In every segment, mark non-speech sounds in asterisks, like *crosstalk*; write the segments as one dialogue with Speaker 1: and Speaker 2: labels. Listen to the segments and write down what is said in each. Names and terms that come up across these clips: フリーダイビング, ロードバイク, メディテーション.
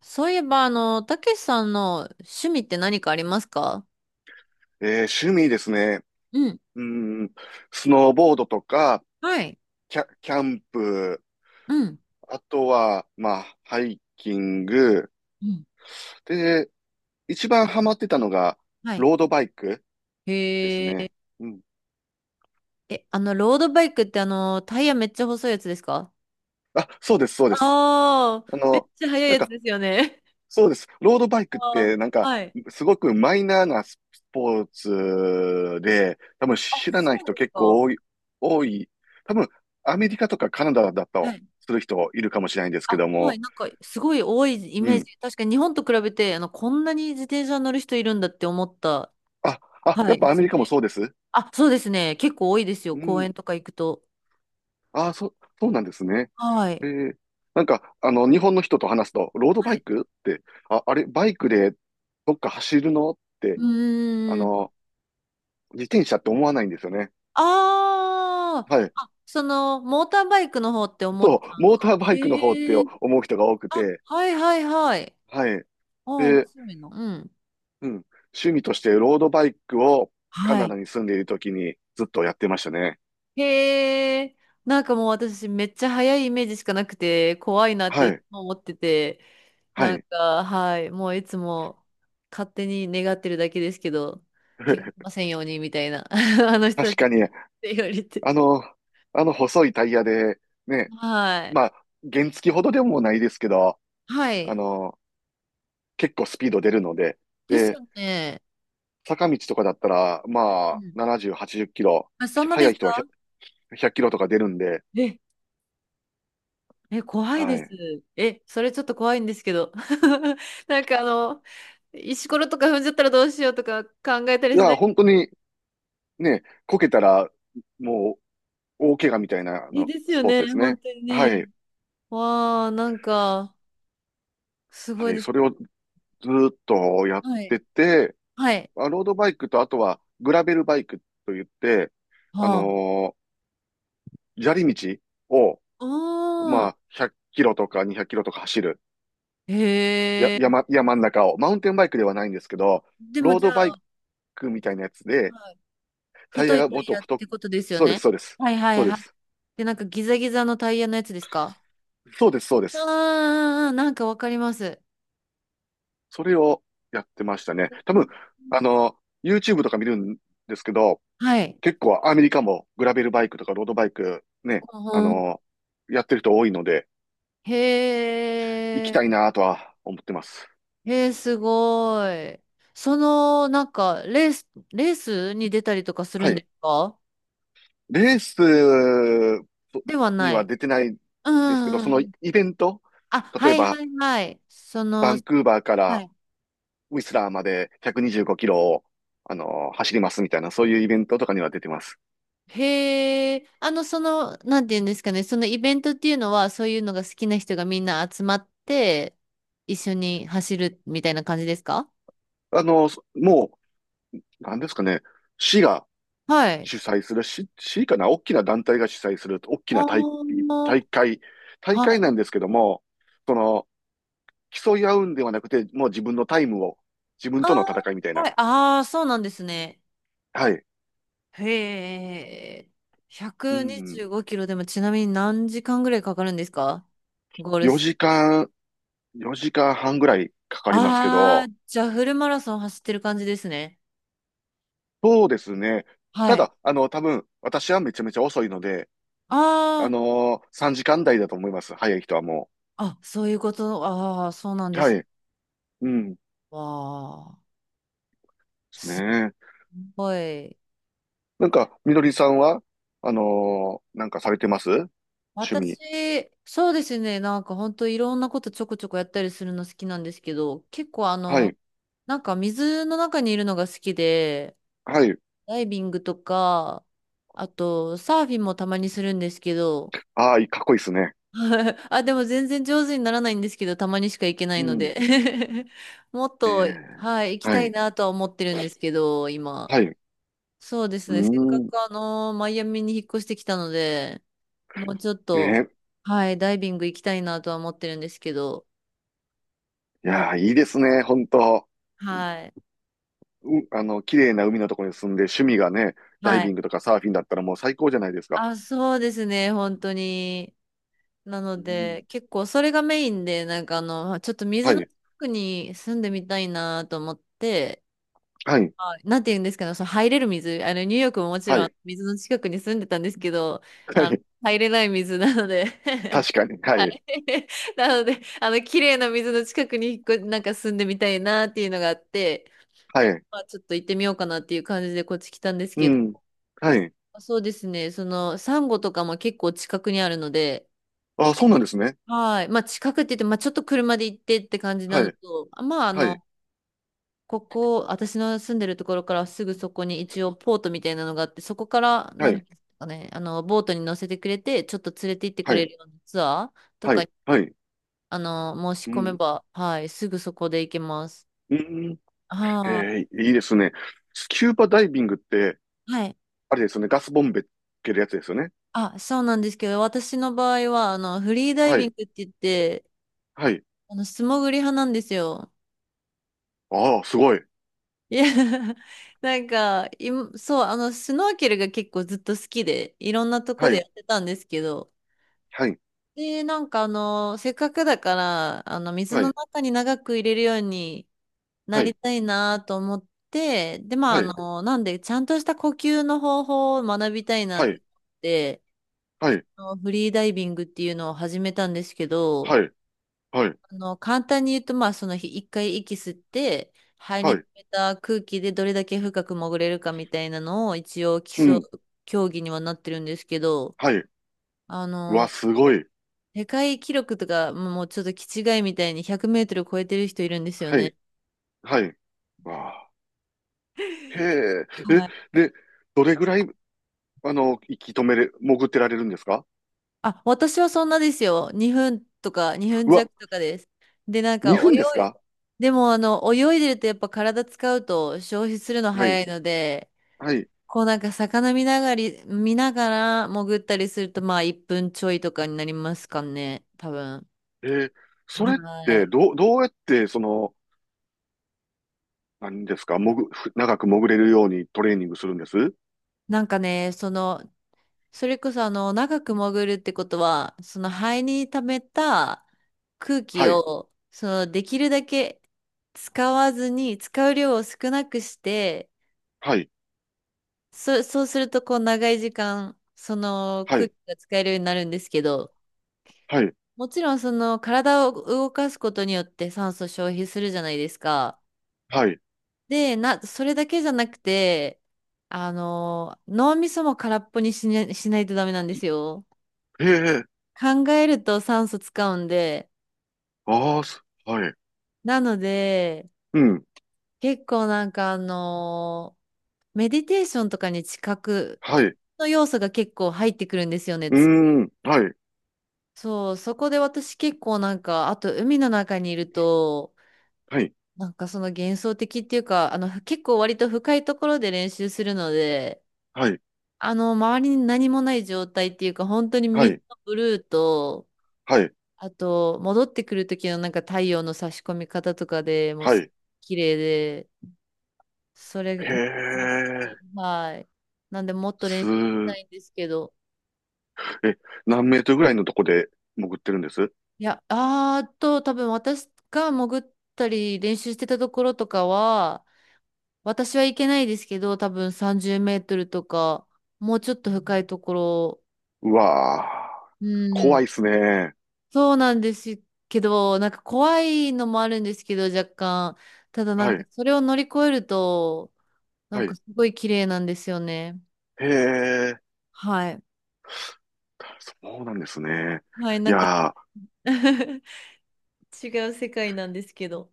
Speaker 1: そういえば、たけしさんの趣味って何かありますか？
Speaker 2: 趣味ですね。
Speaker 1: うん。
Speaker 2: うん、スノーボードとか、
Speaker 1: はい。
Speaker 2: キャンプ、
Speaker 1: うん。
Speaker 2: あとは、まあ、ハイキング。
Speaker 1: うん。
Speaker 2: で、一番ハマってたのが、
Speaker 1: はい。
Speaker 2: ロードバイクです
Speaker 1: へえ。
Speaker 2: ね。うん。
Speaker 1: え、ロードバイクってタイヤめっちゃ細いやつですか？
Speaker 2: あ、そうです、そうです。
Speaker 1: ああー、
Speaker 2: あ
Speaker 1: めっ
Speaker 2: の、
Speaker 1: ちゃ速い
Speaker 2: なん
Speaker 1: やつ
Speaker 2: か、
Speaker 1: ですよね。
Speaker 2: そうです。ロードバイクっ
Speaker 1: あー。
Speaker 2: て、
Speaker 1: はい。
Speaker 2: すごくマイナーなスポーツで、多分
Speaker 1: あ、
Speaker 2: 知ら
Speaker 1: そ
Speaker 2: ない
Speaker 1: う
Speaker 2: 人
Speaker 1: です
Speaker 2: 結
Speaker 1: か。
Speaker 2: 構多い。多分、アメリカとかカナダだ
Speaker 1: は
Speaker 2: と
Speaker 1: い。
Speaker 2: する人いるかもしれないんですけ
Speaker 1: あ、
Speaker 2: ど
Speaker 1: はい。
Speaker 2: も、
Speaker 1: なんか、すごい多いイ
Speaker 2: う
Speaker 1: メー
Speaker 2: ん。
Speaker 1: ジ。確かに日本と比べて、こんなに自転車乗る人いるんだって思った。
Speaker 2: あ、あ、
Speaker 1: は
Speaker 2: やっ
Speaker 1: い。
Speaker 2: ぱ
Speaker 1: は
Speaker 2: アメ
Speaker 1: じ
Speaker 2: リ
Speaker 1: め。
Speaker 2: カもそうです。
Speaker 1: あ、そうですね。結構多いですよ。
Speaker 2: う
Speaker 1: 公
Speaker 2: ん。
Speaker 1: 園とか行くと。
Speaker 2: あ、そうなんですね。
Speaker 1: はい。
Speaker 2: えー日本の人と話すと、ロード
Speaker 1: は
Speaker 2: バイ
Speaker 1: い。
Speaker 2: クって、あ、あれ、バイクでどっか走るのっ
Speaker 1: う
Speaker 2: て、あ
Speaker 1: ーん。
Speaker 2: の、自転車って思わないんですよね。
Speaker 1: ああ、
Speaker 2: はい。
Speaker 1: あ、その、モーターバイクの方って思っち
Speaker 2: そ
Speaker 1: ゃ
Speaker 2: う、
Speaker 1: うの
Speaker 2: モータ
Speaker 1: か。
Speaker 2: ーバイクの方って
Speaker 1: ええ。
Speaker 2: 思う人が多く
Speaker 1: あ、
Speaker 2: て、
Speaker 1: はいはいはい。
Speaker 2: はい。
Speaker 1: あ、面
Speaker 2: で、
Speaker 1: 白いの。うん。
Speaker 2: うん。趣味としてロードバイクをカ
Speaker 1: は
Speaker 2: ナ
Speaker 1: い。
Speaker 2: ダに住んでいる時にずっとやってましたね。
Speaker 1: へえ、なんかもう私めっちゃ速いイメージしかなくて、怖いなって
Speaker 2: は
Speaker 1: いつ
Speaker 2: い。
Speaker 1: も思ってて、
Speaker 2: は
Speaker 1: なん
Speaker 2: い。
Speaker 1: か、はい、もういつも勝手に願ってるだけですけど、怪我し
Speaker 2: *laughs*
Speaker 1: ませんようにみたいな、*laughs* あの人た
Speaker 2: 確
Speaker 1: ちっ
Speaker 2: かに、
Speaker 1: て言われて。
Speaker 2: あの、あの細いタイヤで、ね、
Speaker 1: はい。
Speaker 2: まあ、原付ほどでもないですけど、
Speaker 1: は
Speaker 2: あ
Speaker 1: い。
Speaker 2: の、結構スピード出るので、
Speaker 1: です
Speaker 2: で、
Speaker 1: よね。
Speaker 2: 坂道とかだったら、まあ、70、80キロ、
Speaker 1: あ、そんなで
Speaker 2: 速い
Speaker 1: す
Speaker 2: 人は
Speaker 1: か？
Speaker 2: 100、ひゃっキロとか出るんで、
Speaker 1: え、え、怖いで
Speaker 2: は
Speaker 1: す。
Speaker 2: い。
Speaker 1: え、それちょっと怖いんですけど。*laughs* なんか石ころとか踏んじゃったらどうしようとか考えた
Speaker 2: い
Speaker 1: りしな
Speaker 2: や、
Speaker 1: い。
Speaker 2: 本当にね、こけたら、もう、大怪我みたいなあ
Speaker 1: え、
Speaker 2: の
Speaker 1: です
Speaker 2: ス
Speaker 1: よ
Speaker 2: ポーツ
Speaker 1: ね、
Speaker 2: です
Speaker 1: 本
Speaker 2: ね。
Speaker 1: 当に
Speaker 2: はい。
Speaker 1: ね。わあ、なんか、すご
Speaker 2: は
Speaker 1: い
Speaker 2: い。
Speaker 1: です。
Speaker 2: それをずーっとやっ
Speaker 1: はい。
Speaker 2: てて、
Speaker 1: はい。
Speaker 2: まあロードバイクと、あとは、グラベルバイクといって、あ
Speaker 1: はあ。
Speaker 2: の砂利道を、
Speaker 1: あ
Speaker 2: ま
Speaker 1: あ。
Speaker 2: あ、100キロとか200キロとか走る。
Speaker 1: へえ。
Speaker 2: 山ん中を、マウンテンバイクではないんですけど、
Speaker 1: でも
Speaker 2: ロー
Speaker 1: じゃ
Speaker 2: ドバ
Speaker 1: あ、
Speaker 2: イクみたいなやつで、
Speaker 1: はい、
Speaker 2: タイヤ
Speaker 1: 太い
Speaker 2: が
Speaker 1: タ
Speaker 2: もっ
Speaker 1: イ
Speaker 2: と
Speaker 1: ヤっ
Speaker 2: 太く、
Speaker 1: てことですよ
Speaker 2: そうです、
Speaker 1: ね。
Speaker 2: そうです。
Speaker 1: はいは
Speaker 2: そう
Speaker 1: い
Speaker 2: で
Speaker 1: はい。
Speaker 2: す。
Speaker 1: で、なんかギザギザのタイヤのやつですか？
Speaker 2: そうです、そうです。
Speaker 1: ああー、なんかわかります。
Speaker 2: それをやってましたね。
Speaker 1: え
Speaker 2: 多分、
Speaker 1: ー
Speaker 2: あの、YouTube とか見るんですけど、
Speaker 1: はい。
Speaker 2: 結構アメリカもグラベルバイクとかロードバイクね、あ
Speaker 1: うん。
Speaker 2: の、やってる人多いので、
Speaker 1: へ
Speaker 2: 行きた
Speaker 1: え、
Speaker 2: いなとは思ってます。
Speaker 1: へえ、すごい。なんか、レースに出たりとかする
Speaker 2: は
Speaker 1: んで
Speaker 2: い。
Speaker 1: すか？
Speaker 2: レース
Speaker 1: では
Speaker 2: に
Speaker 1: な
Speaker 2: は
Speaker 1: い。
Speaker 2: 出てない
Speaker 1: うん
Speaker 2: ですけど、
Speaker 1: うん
Speaker 2: そ
Speaker 1: う
Speaker 2: のイ
Speaker 1: ん。
Speaker 2: ベント、
Speaker 1: あ、
Speaker 2: 例
Speaker 1: は
Speaker 2: え
Speaker 1: い
Speaker 2: ば
Speaker 1: はいはい。
Speaker 2: バンクーバーか
Speaker 1: は
Speaker 2: ら
Speaker 1: い。
Speaker 2: ウィスラーまで125キロを、走りますみたいな、そういうイベントとかには出てます。
Speaker 1: へえ、なんて言うんですかね、そのイベントっていうのは、そういうのが好きな人がみんな集まって、一緒に走るみたいな感じですか？
Speaker 2: あの、もう、なんですかね、市が
Speaker 1: はい。
Speaker 2: 主催する、市かな、大きな団体が主催する、大き
Speaker 1: あ
Speaker 2: な
Speaker 1: あ、
Speaker 2: 大会、大
Speaker 1: は
Speaker 2: 会
Speaker 1: い。
Speaker 2: なんですけども、その、競い合うんではなくて、もう自分のタイムを、自分との
Speaker 1: あ
Speaker 2: 戦いみたい
Speaker 1: あ、は
Speaker 2: な。
Speaker 1: い。ああ、そうなんですね。
Speaker 2: はい。
Speaker 1: へえ。
Speaker 2: う
Speaker 1: 125
Speaker 2: ん。
Speaker 1: キロでもちなみに何時間ぐらいかかるんですか？ゴールス。
Speaker 2: 4時間、4時間半ぐらいかかりますけ
Speaker 1: あ
Speaker 2: ど、
Speaker 1: あ、じゃあフルマラソン走ってる感じですね。
Speaker 2: そうですね。た
Speaker 1: はい。あ
Speaker 2: だ、多分、私はめちゃめちゃ遅いので、
Speaker 1: あ、
Speaker 2: 3時間台だと思います。早い人はも
Speaker 1: あ、そういうこと。ああ、そうなん
Speaker 2: う。
Speaker 1: で
Speaker 2: は
Speaker 1: す。
Speaker 2: い。うん。で
Speaker 1: わあ、
Speaker 2: す
Speaker 1: す
Speaker 2: ね。
Speaker 1: ごい。
Speaker 2: みのりさんは、なんかされてます趣味。
Speaker 1: 私、そうですね。なんか本当いろんなことちょこちょこやったりするの好きなんですけど、結構
Speaker 2: はい。
Speaker 1: なんか水の中にいるのが好きで、
Speaker 2: はい。
Speaker 1: ダイビングとか、あと、サーフィンもたまにするんですけど、
Speaker 2: ああ、かっこいいですね。
Speaker 1: *laughs* あ、でも全然上手にならないんですけど、たまにしか行けない
Speaker 2: う
Speaker 1: の
Speaker 2: ん。
Speaker 1: で *laughs* もっ
Speaker 2: え
Speaker 1: と、
Speaker 2: え
Speaker 1: はい、行き
Speaker 2: は
Speaker 1: たい
Speaker 2: い。
Speaker 1: なとは思ってるんですけど、今。
Speaker 2: はい。う
Speaker 1: そうです
Speaker 2: ー
Speaker 1: ね、せっか
Speaker 2: ん。
Speaker 1: くマイアミに引っ越してきたので、もうちょっと、
Speaker 2: ね。
Speaker 1: はい、ダイビング行きたいなとは思ってるんですけど、
Speaker 2: い
Speaker 1: もう、
Speaker 2: やー、いいですね。本当。
Speaker 1: はい、
Speaker 2: 綺麗な海のところに住んで、趣味がね、ダイ
Speaker 1: は
Speaker 2: ビ
Speaker 1: い。
Speaker 2: ングとかサーフィンだったらもう最高じゃないですか。
Speaker 1: あ、そうですね、本当に。な
Speaker 2: う
Speaker 1: の
Speaker 2: ん。
Speaker 1: で、結構それがメインで、なんかちょっと
Speaker 2: は
Speaker 1: 水の
Speaker 2: い。
Speaker 1: 近くに住んでみたいなと思って、
Speaker 2: はい。
Speaker 1: はい。なんて言うんですかね、その入れる水、ニューヨークももち
Speaker 2: は
Speaker 1: ろん
Speaker 2: い。
Speaker 1: 水の近くに住んでたんですけど、
Speaker 2: は
Speaker 1: あの、
Speaker 2: い。
Speaker 1: 入れない水なので
Speaker 2: 確かに。はい。
Speaker 1: *laughs* なので、綺麗な水の近くに引っ越なんか住んでみたいなっていうのがあって、
Speaker 2: はい。
Speaker 1: まあ、ちょっと行ってみようかなっていう感じでこっち来たんです
Speaker 2: う
Speaker 1: けど、
Speaker 2: ん。はい。
Speaker 1: そうですね、サンゴとかも結構近くにあるので、
Speaker 2: あ、そうなんですね。
Speaker 1: はい。まあ、近くって言って、まあ、ちょっと車で行ってって感じ
Speaker 2: は
Speaker 1: なの
Speaker 2: い、
Speaker 1: と、あ、まあ、
Speaker 2: はい、
Speaker 1: ここ、私の住んでるところからすぐそこに一応ポートみたいなのがあって、そこから、
Speaker 2: は
Speaker 1: なんで
Speaker 2: い、
Speaker 1: すかね、ボートに乗せてくれて、ちょっと連れて行ってく
Speaker 2: は
Speaker 1: れ
Speaker 2: い、
Speaker 1: るようなツアーと
Speaker 2: は
Speaker 1: か、
Speaker 2: い、はい。
Speaker 1: 申し
Speaker 2: う
Speaker 1: 込め
Speaker 2: ん、
Speaker 1: ば、はい、すぐそこで行けます。
Speaker 2: うん。
Speaker 1: は
Speaker 2: いいですね。スキューバダイビングって、
Speaker 1: い。はい。
Speaker 2: あれですよね、ガスボンベつけるやつですよね。
Speaker 1: あ、そうなんですけど、私の場合は、フリーダイ
Speaker 2: は
Speaker 1: ビン
Speaker 2: い、
Speaker 1: グって言って、
Speaker 2: はい。
Speaker 1: 素潜り派なんですよ。
Speaker 2: ああ、すごい。
Speaker 1: いや、*laughs* なんか、そう、スノーケルが結構ずっと好きで、いろんなとこ
Speaker 2: は
Speaker 1: でや
Speaker 2: い、
Speaker 1: ってたんですけど、
Speaker 2: はい、
Speaker 1: で、なんかせっかくだから、水
Speaker 2: は
Speaker 1: の
Speaker 2: い、
Speaker 1: 中に長く入れるようにな
Speaker 2: は
Speaker 1: り
Speaker 2: い、
Speaker 1: たいなと思って、で、まあ、
Speaker 2: はい、
Speaker 1: なんで、ちゃんとした呼吸の方法を学びたいなっ
Speaker 2: は
Speaker 1: て
Speaker 2: い、
Speaker 1: 思って、
Speaker 2: はい、
Speaker 1: あのフリーダイビングっていうのを始めたんですけど、
Speaker 2: はい、はい、
Speaker 1: 簡単に言うと、まあ、その日1回息吸って、肺
Speaker 2: は
Speaker 1: に溜
Speaker 2: い、
Speaker 1: めた空気でどれだけ深く潜れるかみたいなのを一応基
Speaker 2: う
Speaker 1: 礎、
Speaker 2: ん、
Speaker 1: 競技にはなってるんですけど、
Speaker 2: はい。
Speaker 1: あ
Speaker 2: うわ、
Speaker 1: の、
Speaker 2: すごい。
Speaker 1: 世界記録とか、もうちょっと気違いみたいに100メートル超えてる人いるんですよ
Speaker 2: は
Speaker 1: ね。
Speaker 2: い、はい。わあ、へえ。
Speaker 1: は
Speaker 2: え、
Speaker 1: い。
Speaker 2: で、どれぐらい、息止めれ、潜ってられるんですか？
Speaker 1: あ、私はそんなですよ。2分とか、2分
Speaker 2: うわ、
Speaker 1: 弱とかです。で、なんか
Speaker 2: 2分です
Speaker 1: 泳い、
Speaker 2: か？
Speaker 1: でも泳いでるとやっぱ体使うと消費するの
Speaker 2: は
Speaker 1: 早
Speaker 2: い、
Speaker 1: いので、
Speaker 2: はい。
Speaker 1: こうなんか魚見ながら潜ったりするとまあ1分ちょいとかになりますかね、多分。
Speaker 2: えーそれっ
Speaker 1: は
Speaker 2: て
Speaker 1: い。
Speaker 2: どうやって何ですか、長く潜れるようにトレーニングするんです？
Speaker 1: なんかね、それこそ長く潜るってことは、その肺に溜めた空気
Speaker 2: はい、
Speaker 1: を、できるだけ使わずに、使う量を少なくして、
Speaker 2: はい、
Speaker 1: そうするとこう長い時間、その
Speaker 2: は
Speaker 1: 空気
Speaker 2: い、
Speaker 1: が使えるようになるんですけど、
Speaker 2: はい、
Speaker 1: もちろんその体を動かすことによって酸素消費するじゃないですか。
Speaker 2: はい。
Speaker 1: で、それだけじゃなくて、脳みそも空っぽにしないとダメなんですよ。
Speaker 2: へえ、
Speaker 1: 考えると酸素使うんで。
Speaker 2: ああ、すはい、
Speaker 1: なので、
Speaker 2: うん、
Speaker 1: 結構なんかメディテーションとかに近く
Speaker 2: はい、う
Speaker 1: の要素が結構入ってくるんですよね。
Speaker 2: ーん、はい、
Speaker 1: そう、そこで私結構なんか、あと海の中にいると、
Speaker 2: はい、
Speaker 1: なんかその幻想的っていうか、結構割と深いところで練習するので、
Speaker 2: はい、
Speaker 1: 周りに何もない状態っていうか、本当に
Speaker 2: は
Speaker 1: 水
Speaker 2: い、
Speaker 1: のブルーと、
Speaker 2: はい、
Speaker 1: あと、戻ってくる時のなんか太陽の差し込み方とかでもう
Speaker 2: は
Speaker 1: す
Speaker 2: い。
Speaker 1: 綺麗で、それ
Speaker 2: へ
Speaker 1: にハマっ
Speaker 2: え、
Speaker 1: て、はい。なんでもっと練
Speaker 2: す
Speaker 1: 習した
Speaker 2: ー、
Speaker 1: いんですけど、
Speaker 2: え、何メートルぐらいのとこで潜ってるんです？
Speaker 1: いや、あーっと、多分私が潜ったり練習してたところとかは、私は行けないですけど、多分30メートルとか、もうちょっと深いところ、
Speaker 2: うわ
Speaker 1: う
Speaker 2: ー怖い
Speaker 1: ん、
Speaker 2: っすね。
Speaker 1: そうなんですけど、なんか怖いのもあるんですけど、若干。ただな
Speaker 2: は
Speaker 1: んか
Speaker 2: い、
Speaker 1: それを乗り越えると、なん
Speaker 2: は
Speaker 1: か
Speaker 2: い。
Speaker 1: すごい綺麗なんですよね。
Speaker 2: へえ、
Speaker 1: はい。
Speaker 2: そうなんですね。
Speaker 1: はい、
Speaker 2: い
Speaker 1: なんか
Speaker 2: やー、
Speaker 1: *laughs* 違う世界なんですけど。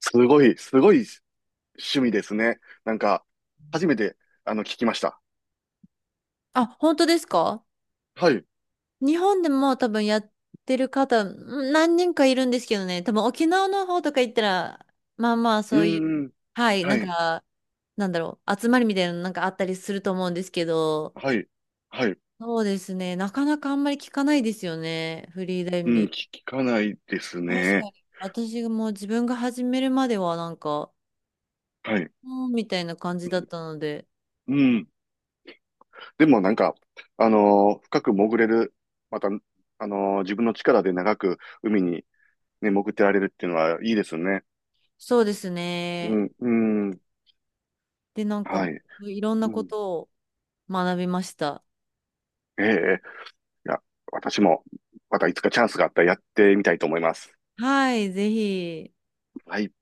Speaker 2: すごい、すごい趣味ですね。なんか、初めて、聞きました。
Speaker 1: あ、本当ですか？
Speaker 2: はい。う
Speaker 1: 日本でも多分やってる方、何人かいるんですけどね、多分沖縄の方とか行ったら、まあまあ
Speaker 2: ー
Speaker 1: そういう、
Speaker 2: ん。
Speaker 1: はい、な
Speaker 2: は
Speaker 1: ん
Speaker 2: い。
Speaker 1: か、なんだろう、集まりみたいなのなんかあったりすると思うんですけど、
Speaker 2: はい。はい。
Speaker 1: そうですね、なかなかあんまり聞かないですよね、フリーレ
Speaker 2: う
Speaker 1: ンビ
Speaker 2: ん、
Speaker 1: ン
Speaker 2: 聞かないです
Speaker 1: グ。確か
Speaker 2: ね。
Speaker 1: に。私がもう自分が始めるまではなんか、
Speaker 2: はい。
Speaker 1: うんみたいな感
Speaker 2: う
Speaker 1: じだっ
Speaker 2: ん。
Speaker 1: たので、
Speaker 2: うん。でも深く潜れる、また、自分の力で長く海にね、潜ってられるっていうのはいいですね。
Speaker 1: そうです
Speaker 2: う
Speaker 1: ね。
Speaker 2: ん、うん。
Speaker 1: で、なんか、
Speaker 2: はい。
Speaker 1: いろん
Speaker 2: う
Speaker 1: なこ
Speaker 2: ん。
Speaker 1: とを学びました。
Speaker 2: ええ、いや、私も、またいつかチャンスがあったらやってみたいと思います。
Speaker 1: はい、ぜひ。
Speaker 2: はい。